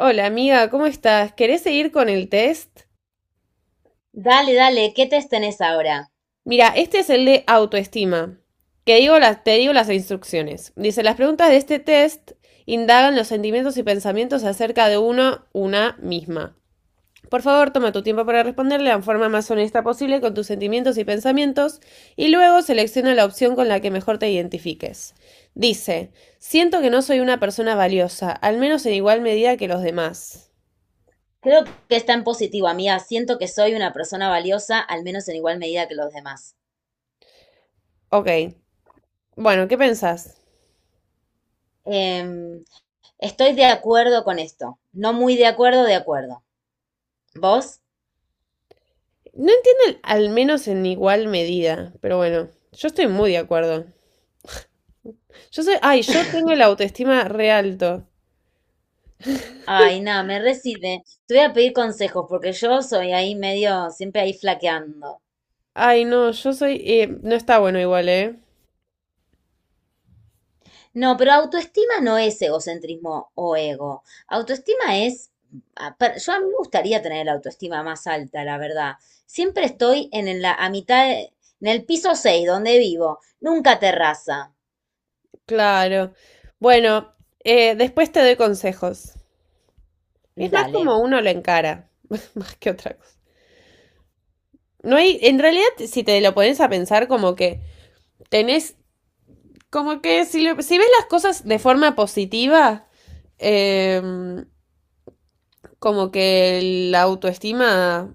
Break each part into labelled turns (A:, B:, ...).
A: Hola amiga, ¿cómo estás? ¿Querés seguir con el test?
B: Dale, dale, ¿qué test tenés ahora?
A: Mira, este es el de autoestima. Te digo las instrucciones. Dice, las preguntas de este test indagan los sentimientos y pensamientos acerca de uno, una misma. Por favor, toma tu tiempo para responderle de la forma más honesta posible con tus sentimientos y pensamientos y luego selecciona la opción con la que mejor te identifiques. Dice, siento que no soy una persona valiosa, al menos en igual medida que los demás.
B: Creo que está en positivo, amiga. Siento que soy una persona valiosa, al menos en igual medida que los demás.
A: Ok. Bueno, ¿qué pensás?
B: Em, Estoy de acuerdo con esto. No muy de acuerdo, de acuerdo. ¿Vos?
A: No entiendo, al menos en igual medida, pero bueno, yo estoy muy de acuerdo. Yo soy, ay, yo tengo el autoestima re alto.
B: Ay, nada, me recibe. Te voy a pedir consejos porque yo soy ahí medio, siempre ahí flaqueando.
A: Ay, no, yo soy, no está bueno igual, ¿eh?
B: No, pero autoestima no es egocentrismo o ego. Autoestima es, yo a mí me gustaría tener la autoestima más alta, la verdad. Siempre estoy en la, a mitad, en el piso 6 donde vivo, nunca terraza.
A: Claro. Bueno, después te doy consejos. Es más
B: Dale.
A: como uno lo encara, más que otra cosa. No hay, en realidad, si te lo pones a pensar, como que tenés, como que si, si ves las cosas de forma positiva, em, como que la autoestima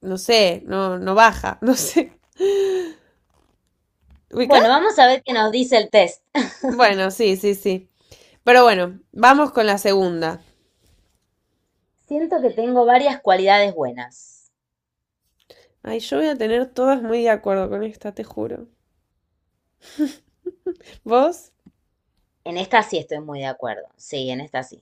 A: no sé, no baja, no sé.
B: Bueno,
A: ¿Ubicás?
B: vamos a ver qué nos dice el test.
A: Bueno, sí, sí, sí. Pero bueno, vamos con la segunda.
B: Siento que tengo varias cualidades buenas.
A: Ay, yo voy a tener todas muy de acuerdo con esta, te juro. ¿Vos?
B: En esta sí estoy muy de acuerdo. Sí, en esta sí.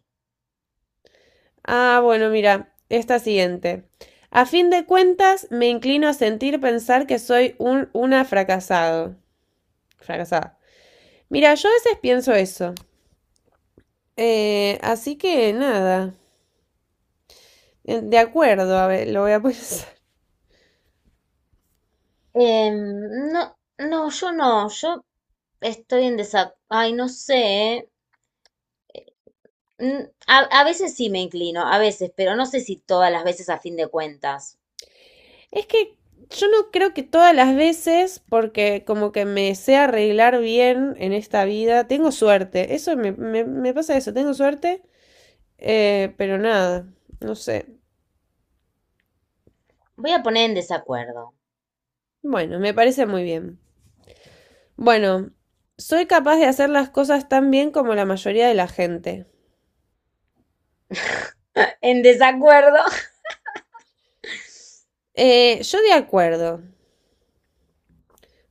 A: Ah, bueno, mira, esta siguiente. A fin de cuentas, me inclino a sentir pensar que soy una fracasado. Fracasada. Mira, yo a veces pienso eso. Así que nada. De acuerdo, a ver, lo voy a pensar.
B: No, no, yo estoy en desacuerdo. Ay, no sé. eh. A veces sí me inclino, a veces, pero no sé si todas las veces a fin de cuentas.
A: Es que yo no creo que todas las veces, porque como que me sé arreglar bien en esta vida, tengo suerte. Eso me pasa eso, tengo suerte, pero nada, no sé.
B: Voy a poner en desacuerdo.
A: Bueno, me parece muy bien. Bueno, soy capaz de hacer las cosas tan bien como la mayoría de la gente.
B: En desacuerdo.
A: Yo de acuerdo. O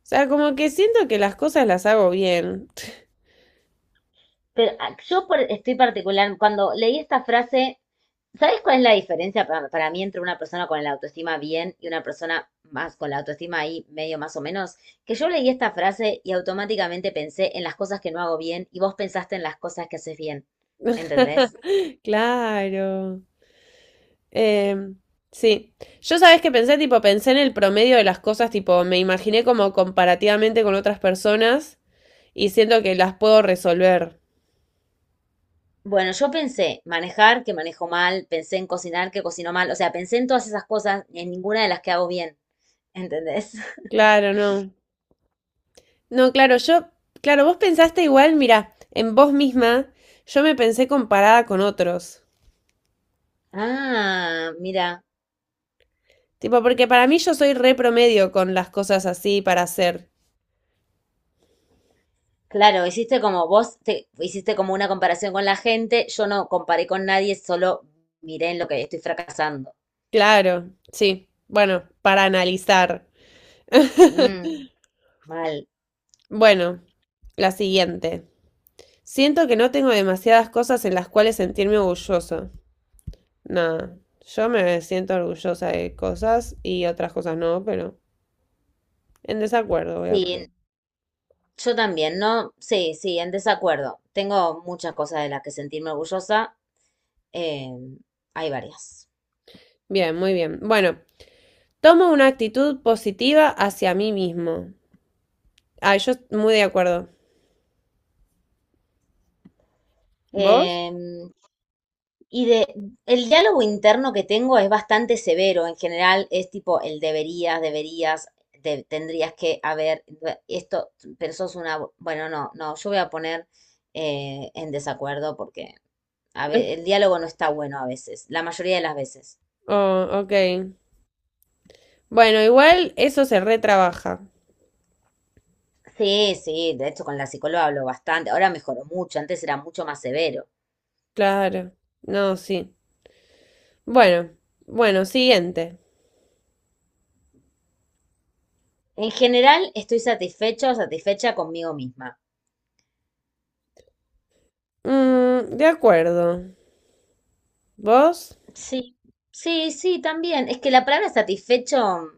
A: sea, como que siento que las cosas las hago bien.
B: Pero estoy particular, cuando leí esta frase. ¿Sabes cuál es la diferencia para mí entre una persona con la autoestima bien y una persona más con la autoestima ahí medio más o menos? Que yo leí esta frase y automáticamente pensé en las cosas que no hago bien y vos pensaste en las cosas que haces bien. ¿Entendés?
A: Claro. Em, sí. Yo sabes que pensé, tipo, pensé en el promedio de las cosas, tipo, me imaginé como comparativamente con otras personas y siento que las puedo resolver.
B: Bueno, yo pensé manejar, que manejo mal, pensé en cocinar, que cocino mal, o sea, pensé en todas esas cosas, en ninguna de las que hago bien. ¿Entendés?
A: Claro, no. No, claro, yo, claro, vos pensaste igual, mira, en vos misma, yo me pensé comparada con otros.
B: Ah, mira.
A: Tipo, porque para mí yo soy re promedio con las cosas así para hacer.
B: Claro, hiciste como una comparación con la gente, yo no comparé con nadie, solo miré en lo que estoy fracasando.
A: Claro, sí. Bueno, para analizar.
B: Mm, mal.
A: Bueno, la siguiente. Siento que no tengo demasiadas cosas en las cuales sentirme orgulloso. Nada, yo me siento orgullosa de cosas y otras cosas no, pero en desacuerdo voy a
B: Sí,
A: poner.
B: yo también, ¿no? Sí, sí, en desacuerdo. Tengo muchas cosas de las que sentirme orgullosa. eh, Hay varias.
A: Bien, muy bien. Bueno, tomo una actitud positiva hacia mí mismo. Ah, muy de acuerdo. ¿Vos?
B: Eh, Y de, el diálogo interno que tengo es bastante severo. En general es tipo el deberías, deberías, tendrías que haber, esto, bueno, no, no, yo voy a poner en desacuerdo porque el diálogo no está bueno a veces, la mayoría de las veces.
A: Oh, ok. Bueno, igual eso se retrabaja.
B: Sí, sí, de hecho con la psicóloga hablo bastante, ahora mejoró mucho, antes era mucho más severo.
A: Claro. No, sí. Bueno, bueno, siguiente.
B: En general estoy satisfecho o satisfecha conmigo misma.
A: Mm, de acuerdo. ¿Vos?
B: Sí, sí, sí, también. Es que la palabra satisfecho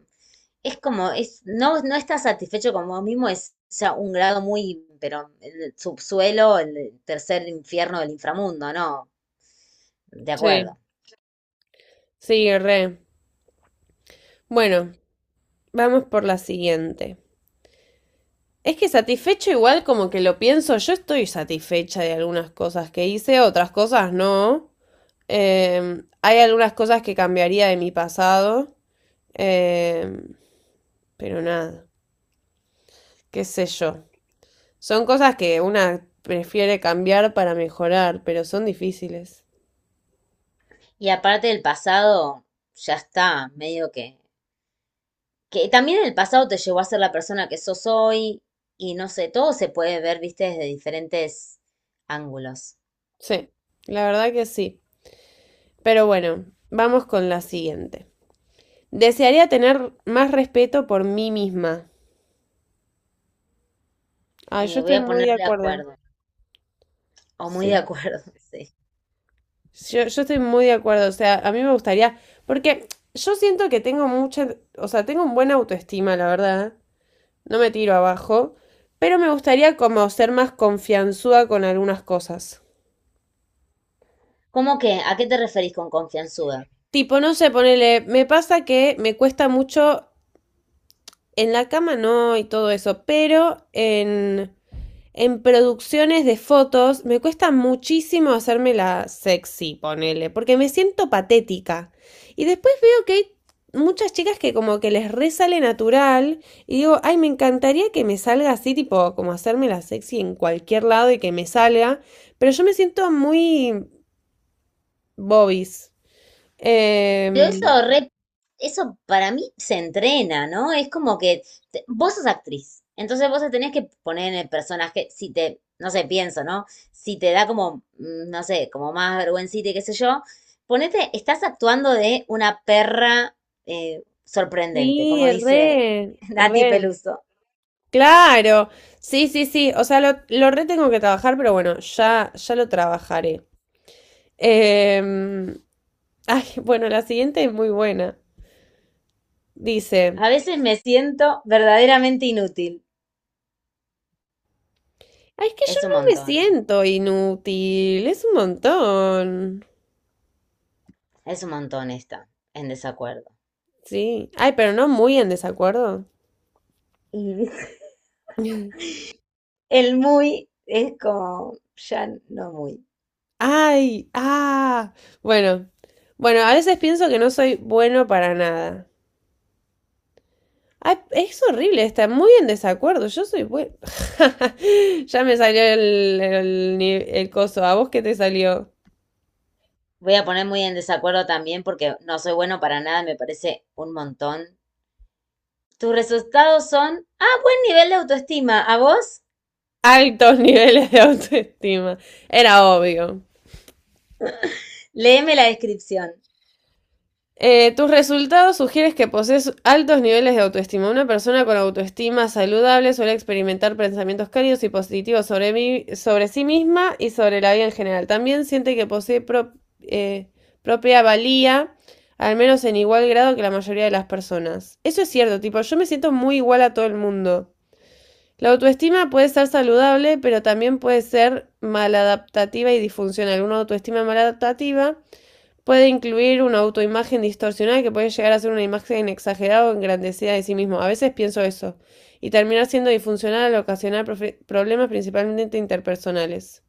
B: no, no está satisfecho con vos mismo, es ya un grado muy, pero el subsuelo, el tercer infierno del inframundo, ¿no? De
A: Sí.
B: acuerdo.
A: Sí, re. Bueno, vamos por la siguiente. Es que satisfecho igual como que lo pienso, yo estoy satisfecha de algunas cosas que hice, otras cosas no. Hay algunas cosas que cambiaría de mi pasado, em, pero nada, qué sé yo. Son cosas que una prefiere cambiar para mejorar, pero son difíciles.
B: Y aparte del pasado, ya está, medio que también el pasado te llevó a ser la persona que sos hoy, y no sé, todo se puede ver, viste, desde diferentes ángulos.
A: Sí, la verdad que sí. Pero bueno, vamos con la siguiente. Desearía tener más respeto por mí misma. Ah, yo
B: Voy
A: estoy
B: a
A: muy
B: poner
A: de
B: de
A: acuerdo.
B: acuerdo, o muy de
A: Sí.
B: acuerdo, sí.
A: Yo estoy muy de acuerdo. O sea, a mí me gustaría. Porque yo siento que tengo mucha. O sea, tengo un buena autoestima, la verdad. No me tiro abajo. Pero me gustaría como ser más confianzuda con algunas cosas.
B: ¿Cómo que? ¿A qué te referís con confianzuda?
A: Tipo, no sé, ponele. Me pasa que me cuesta mucho. En la cama no y todo eso. Pero en. En producciones de fotos me cuesta muchísimo hacerme la sexy, ponele, porque me siento patética. Y después veo que hay muchas chicas que como que les resale natural y digo, ay, me encantaría que me salga así, tipo, como hacerme la sexy en cualquier lado y que me salga, pero yo me siento muy bobis. Eh,
B: Pero eso para mí se entrena, ¿no? Es como que vos sos actriz, entonces vos te tenés que poner en el personaje, si te, no sé, pienso, ¿no? Si te da como, no sé, como más vergüencita y qué sé yo, ponete, estás actuando de una perra sorprendente, como
A: sí,
B: dice
A: re,
B: Nati
A: re.
B: Peluso.
A: Claro, sí, sí, sí, o sea, lo re tengo que trabajar, pero bueno, ya, ya lo trabajaré. Eh, Ay, bueno, la siguiente es muy buena. Dice,
B: A veces me siento verdaderamente inútil.
A: "Ay, es que yo
B: Es un
A: no me
B: montón,
A: siento inútil, es un montón.
B: es un montón esta, en desacuerdo.
A: Sí. Ay, pero no muy en desacuerdo.
B: Y el muy es como ya no muy.
A: Ay, ah, bueno. Bueno, a veces pienso que no soy bueno para nada. Ay, es horrible, está muy en desacuerdo. Yo soy bueno. Ya me salió el, ni- el coso. ¿A vos qué te salió?
B: Voy a poner muy en desacuerdo también porque no soy bueno para nada, me parece un montón. Tus resultados son, buen nivel de autoestima. ¿A vos?
A: Altos niveles de autoestima. Era obvio.
B: Léeme la descripción.
A: Tus resultados sugieren que posees altos niveles de autoestima. Una persona con autoestima saludable suele experimentar pensamientos cálidos y positivos sobre sí misma y sobre la vida en general. También siente que posee eh, propia valía, al menos en igual grado que la mayoría de las personas. Eso es cierto, tipo, yo me siento muy igual a todo el mundo. La autoestima puede estar saludable, pero también puede ser maladaptativa y disfuncional. Una autoestima maladaptativa puede incluir una autoimagen distorsionada que puede llegar a ser una imagen exagerada o engrandecida de sí mismo. A veces pienso eso, y terminar siendo disfuncional al ocasionar problemas principalmente interpersonales.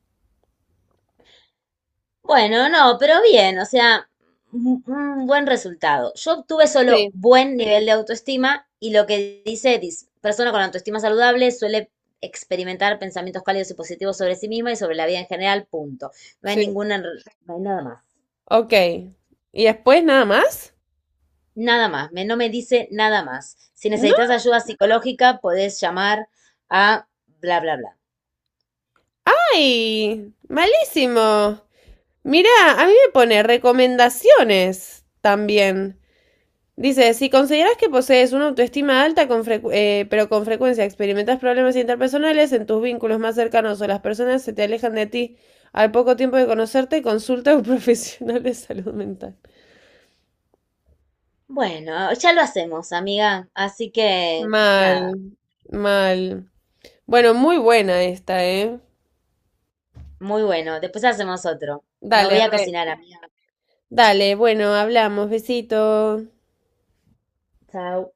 B: Bueno, no, pero bien, o sea, un buen resultado. Yo obtuve solo
A: Sí,
B: buen nivel de autoestima y lo que dice, persona con autoestima saludable suele experimentar pensamientos cálidos y positivos sobre sí misma y sobre la vida en general, punto. No hay
A: sí.
B: ninguna, no hay nada más.
A: Ok. ¿Y después nada más?
B: Nada más, no me dice nada más. Si
A: No.
B: necesitas ayuda psicológica, podés llamar a bla, bla, bla.
A: ¡Ay! Malísimo. Mirá, a mí me pone recomendaciones también. Dice, si consideras que posees una autoestima alta, pero con frecuencia experimentas problemas interpersonales en tus vínculos más cercanos o las personas se te alejan de ti al poco tiempo de conocerte, consulta a un profesional de salud mental.
B: Bueno, ya lo hacemos, amiga. Así que, nada,
A: Mal, mal. Bueno, muy buena esta, ¿eh?
B: muy bueno. Después hacemos otro. Me
A: Dale,
B: voy a
A: re.
B: cocinar, amiga.
A: Dale, bueno, hablamos, besito.
B: Chao.